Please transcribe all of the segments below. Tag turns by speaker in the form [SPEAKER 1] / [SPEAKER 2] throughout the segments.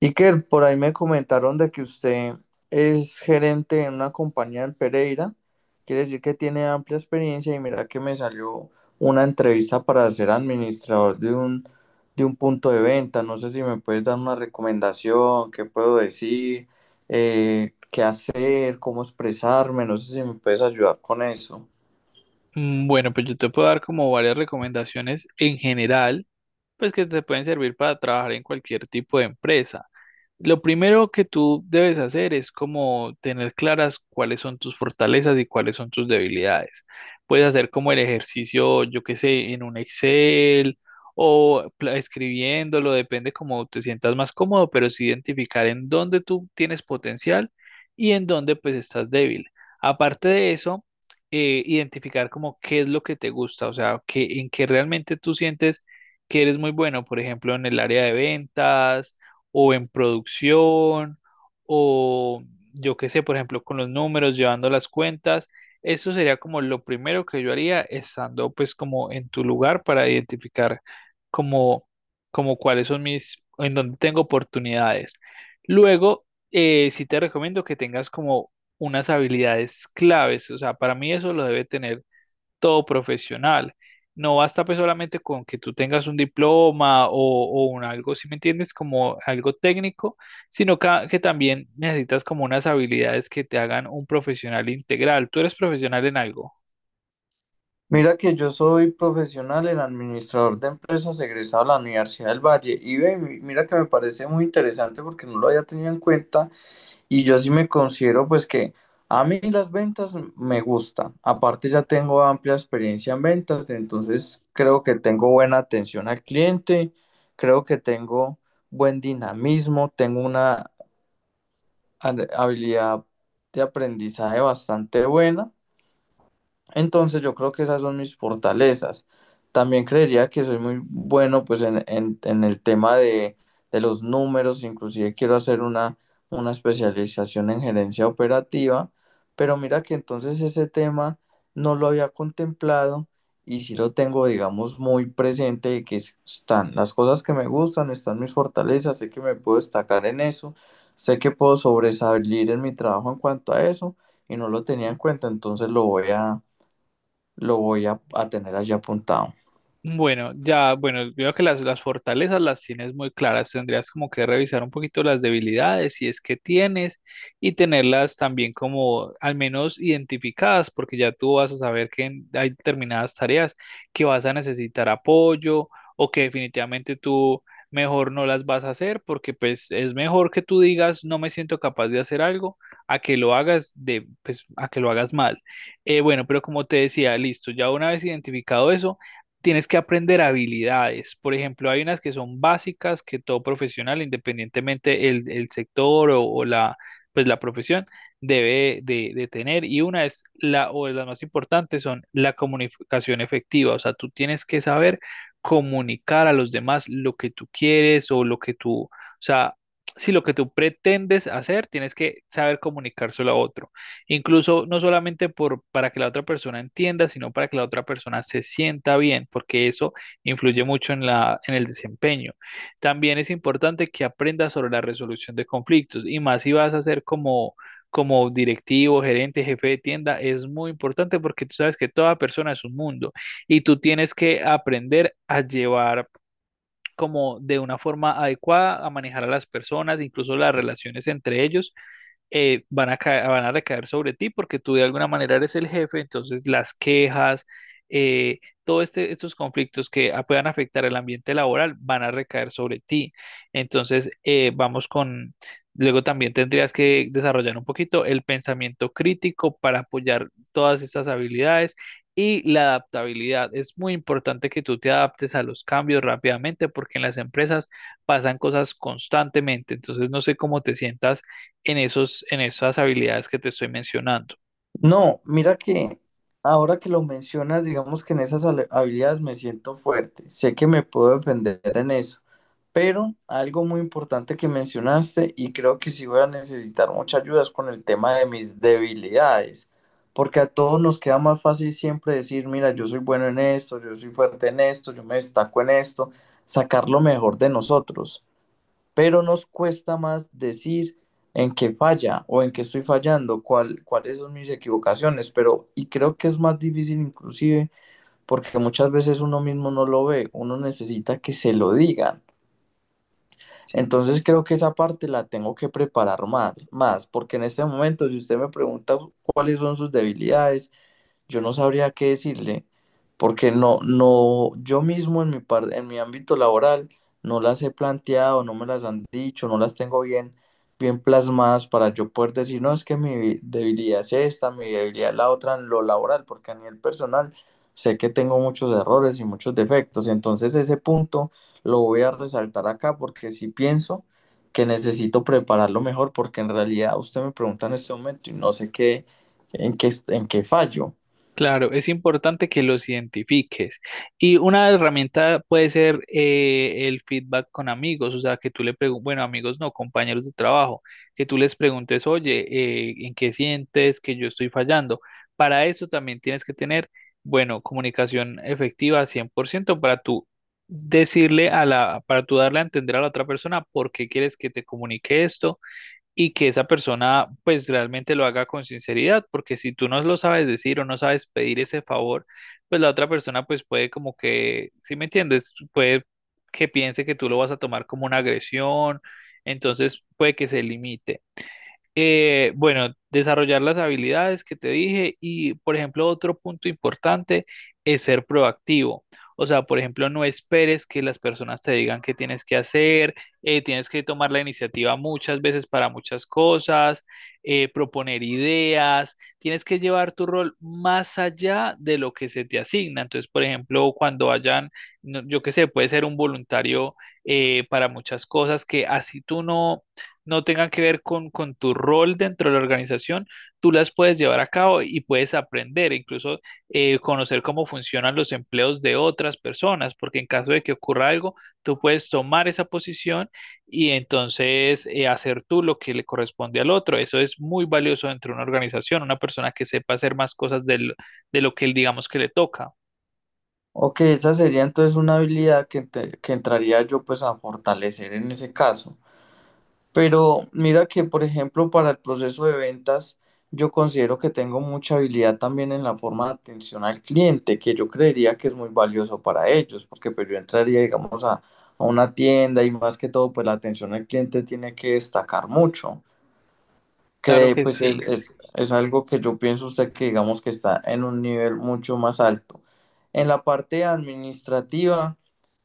[SPEAKER 1] Iker, por ahí me comentaron de que usted es gerente en una compañía en Pereira, quiere decir que tiene amplia experiencia y mira que me salió una entrevista para ser administrador de de un punto de venta. No sé si me puedes dar una recomendación, qué puedo decir, qué hacer, cómo expresarme, no sé si me puedes ayudar con eso.
[SPEAKER 2] Bueno, pues yo te puedo dar como varias recomendaciones en general, pues que te pueden servir para trabajar en cualquier tipo de empresa. Lo primero que tú debes hacer es como tener claras cuáles son tus fortalezas y cuáles son tus debilidades. Puedes hacer como el ejercicio, yo qué sé, en un Excel o escribiéndolo, depende cómo te sientas más cómodo, pero sí identificar en dónde tú tienes potencial y en dónde pues estás débil. Aparte de eso, identificar como qué es lo que te gusta, o sea, que, en qué realmente tú sientes que eres muy bueno, por ejemplo, en el área de ventas o en producción, o yo qué sé, por ejemplo, con los números, llevando las cuentas. Eso sería como lo primero que yo haría estando pues como en tu lugar para identificar como, como cuáles son mis, en dónde tengo oportunidades. Luego, sí te recomiendo que tengas como unas habilidades claves, o sea, para mí eso lo debe tener todo profesional. No basta pues solamente con que tú tengas un diploma o un algo, si me entiendes, como algo técnico, sino que también necesitas como unas habilidades que te hagan un profesional integral. ¿Tú eres profesional en algo?
[SPEAKER 1] Mira que yo soy profesional en administrador de empresas egresado de la Universidad del Valle y ve, mira que me parece muy interesante porque no lo había tenido en cuenta y yo sí me considero pues que a mí las ventas me gustan. Aparte ya tengo amplia experiencia en ventas, entonces creo que tengo buena atención al cliente, creo que tengo buen dinamismo, tengo una habilidad de aprendizaje bastante buena. Entonces yo creo que esas son mis fortalezas. También creería que soy muy bueno pues en el tema de los números, inclusive quiero hacer una especialización en gerencia operativa, pero mira que entonces ese tema no lo había contemplado y sí lo tengo digamos muy presente de que están las cosas que me gustan, están mis fortalezas, sé que me puedo destacar en eso, sé que puedo sobresalir en mi trabajo en cuanto a eso y no lo tenía en cuenta, entonces lo voy a tener allí apuntado.
[SPEAKER 2] Bueno, ya, bueno, veo que las fortalezas las tienes muy claras. Tendrías como que revisar un poquito las debilidades, si es que tienes, y tenerlas también como al menos identificadas, porque ya tú vas a saber que hay determinadas tareas que vas a necesitar apoyo o que definitivamente tú mejor no las vas a hacer, porque pues es mejor que tú digas no me siento capaz de hacer algo a que lo hagas de, pues, a que lo hagas mal. Bueno, pero como te decía, listo, ya una vez identificado eso tienes que aprender habilidades. Por ejemplo, hay unas que son básicas que todo profesional, independientemente el sector o la, pues la profesión, debe de tener. Y una es la, o de las más importantes son la comunicación efectiva. O sea, tú tienes que saber comunicar a los demás lo que tú quieres o lo que tú, o sea, si lo que tú pretendes hacer, tienes que saber comunicárselo a otro. Incluso no solamente por, para que la otra persona entienda, sino para que la otra persona se sienta bien, porque eso influye mucho en la, en el desempeño. También es importante que aprendas sobre la resolución de conflictos y más si vas a ser como, como directivo, gerente, jefe de tienda, es muy importante porque tú sabes que toda persona es un mundo y tú tienes que aprender a llevar como de una forma adecuada a manejar a las personas, incluso las relaciones entre ellos, van a van a recaer sobre ti porque tú de alguna manera eres el jefe, entonces las quejas, todos estos conflictos que puedan afectar el ambiente laboral van a recaer sobre ti. Entonces, vamos con, luego también tendrías que desarrollar un poquito el pensamiento crítico para apoyar todas estas habilidades. Y la adaptabilidad. Es muy importante que tú te adaptes a los cambios rápidamente porque en las empresas pasan cosas constantemente. Entonces, no sé cómo te sientas en esos, en esas habilidades que te estoy mencionando.
[SPEAKER 1] No, mira que ahora que lo mencionas, digamos que en esas habilidades me siento fuerte. Sé que me puedo defender en eso. Pero algo muy importante que mencionaste y creo que sí voy a necesitar mucha ayuda es con el tema de mis debilidades. Porque a todos nos queda más fácil siempre decir, mira, yo soy bueno en esto, yo soy fuerte en esto, yo me destaco en esto, sacar lo mejor de nosotros, pero nos cuesta más decir en qué falla o en qué estoy fallando, cuál, cuáles son mis equivocaciones, pero y creo que es más difícil inclusive porque muchas veces uno mismo no lo ve, uno necesita que se lo digan. Entonces creo que esa parte la tengo que preparar más, más, porque en este momento si usted me pregunta cuáles son sus debilidades, yo no sabría qué decirle, porque no, no, yo mismo en en mi ámbito laboral no las he planteado, no me las han dicho, no las tengo bien, bien plasmadas para yo poder decir, no, es que mi debilidad es esta, mi debilidad es la otra en lo laboral, porque a nivel personal sé que tengo muchos errores y muchos defectos, entonces ese punto lo voy a resaltar acá porque sí pienso que necesito prepararlo mejor, porque en realidad usted me pregunta en este momento y no sé qué, en qué, en qué fallo.
[SPEAKER 2] Claro, es importante que los identifiques. Y una herramienta puede ser el feedback con amigos, o sea, que tú le preguntes, bueno, amigos no, compañeros de trabajo, que tú les preguntes, oye, ¿en qué sientes que yo estoy fallando? Para eso también tienes que tener, bueno, comunicación efectiva 100% para tú decirle a la, para tú darle a entender a la otra persona por qué quieres que te comunique esto y que esa persona pues realmente lo haga con sinceridad, porque si tú no lo sabes decir o no sabes pedir ese favor, pues la otra persona pues puede como que, ¿si me entiendes? Puede que piense que tú lo vas a tomar como una agresión, entonces puede que se limite. Bueno, desarrollar las habilidades que te dije y, por ejemplo, otro punto importante es ser proactivo. O sea, por ejemplo, no esperes que las personas te digan qué tienes que hacer, tienes que tomar la iniciativa muchas veces para muchas cosas, proponer ideas, tienes que llevar tu rol más allá de lo que se te asigna. Entonces, por ejemplo, cuando vayan, yo qué sé, puede ser un voluntario para muchas cosas que así tú no tengan que ver con tu rol dentro de la organización, tú las puedes llevar a cabo y puedes aprender, incluso conocer cómo funcionan los empleos de otras personas, porque en caso de que ocurra algo, tú puedes tomar esa posición y entonces hacer tú lo que le corresponde al otro. Eso es muy valioso dentro de una organización, una persona que sepa hacer más cosas de lo que él digamos que le toca.
[SPEAKER 1] Ok, esa sería entonces una habilidad que entraría yo pues a fortalecer en ese caso. Pero mira que, por ejemplo, para el proceso de ventas, yo considero que tengo mucha habilidad también en la forma de atención al cliente, que yo creería que es muy valioso para ellos, porque pues yo entraría, digamos, a una tienda y más que todo, pues la atención al cliente tiene que destacar mucho
[SPEAKER 2] Claro
[SPEAKER 1] que
[SPEAKER 2] que
[SPEAKER 1] pues
[SPEAKER 2] sí,
[SPEAKER 1] es algo que yo pienso usted que digamos que está en un nivel mucho más alto. En la parte administrativa,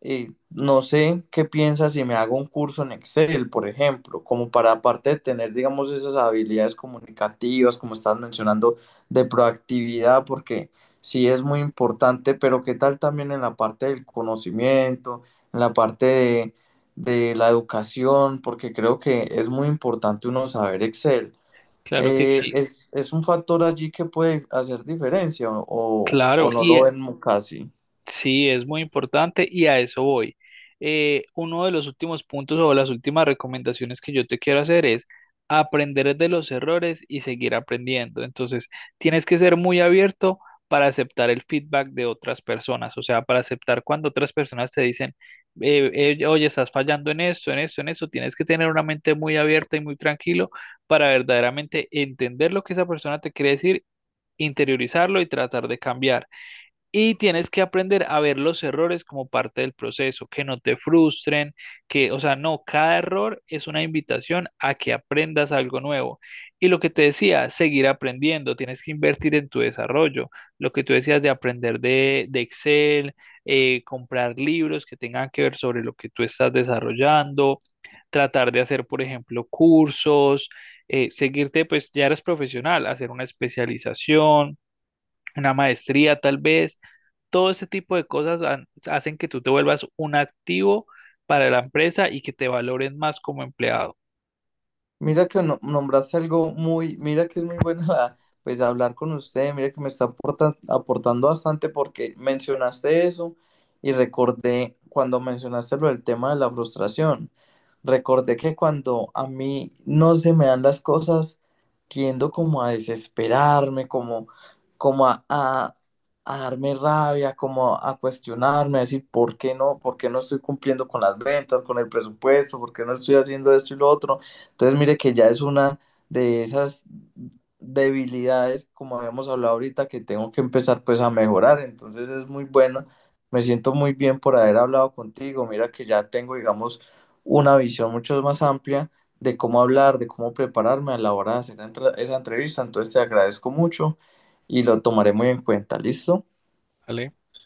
[SPEAKER 1] no sé qué piensa si me hago un curso en Excel, por ejemplo, como para aparte de tener, digamos, esas habilidades comunicativas, como estás mencionando, de proactividad, porque sí es muy importante, pero qué tal también en la parte del conocimiento, en la parte de la educación, porque creo que es muy importante uno saber Excel.
[SPEAKER 2] claro que sí.
[SPEAKER 1] Es un factor allí que puede hacer diferencia o
[SPEAKER 2] Claro,
[SPEAKER 1] no lo
[SPEAKER 2] y
[SPEAKER 1] ven casi.
[SPEAKER 2] sí, es muy importante y a eso voy. Uno de los últimos puntos o las últimas recomendaciones que yo te quiero hacer es aprender de los errores y seguir aprendiendo. Entonces, tienes que ser muy abierto para aceptar el feedback de otras personas, o sea, para aceptar cuando otras personas te dicen, oye, estás fallando en esto, en esto, en esto, tienes que tener una mente muy abierta y muy tranquilo para verdaderamente entender lo que esa persona te quiere decir, interiorizarlo y tratar de cambiar. Y tienes que aprender a ver los errores como parte del proceso, que no te frustren, que, o sea, no, cada error es una invitación a que aprendas algo nuevo. Y lo que te decía, seguir aprendiendo, tienes que invertir en tu desarrollo. Lo que tú decías de aprender de Excel, comprar libros que tengan que ver sobre lo que tú estás desarrollando, tratar de hacer, por ejemplo, cursos, seguirte, pues ya eres profesional, hacer una especialización una maestría tal vez. Todo ese tipo de cosas hacen que tú te vuelvas un activo para la empresa y que te valoren más como empleado,
[SPEAKER 1] Mira que nombraste algo muy, mira que es muy bueno pues hablar con usted, mira que me está aportando bastante porque mencionaste eso y recordé cuando mencionaste lo del tema de la frustración, recordé que cuando a mí no se me dan las cosas, tiendo como a desesperarme, como, como a darme rabia, como a cuestionarme, a decir, ¿por qué no? ¿Por qué no estoy cumpliendo con las ventas, con el presupuesto? ¿Por qué no estoy haciendo esto y lo otro? Entonces, mire que ya es una de esas debilidades, como habíamos hablado ahorita, que tengo que empezar pues a mejorar. Entonces es muy bueno. Me siento muy bien por haber hablado contigo. Mira que ya tengo, digamos, una visión mucho más amplia de cómo hablar, de cómo prepararme a la hora de hacer esa entrevista. Entonces te agradezco mucho y lo tomaré muy en cuenta. ¿Listo?
[SPEAKER 2] ¿vale?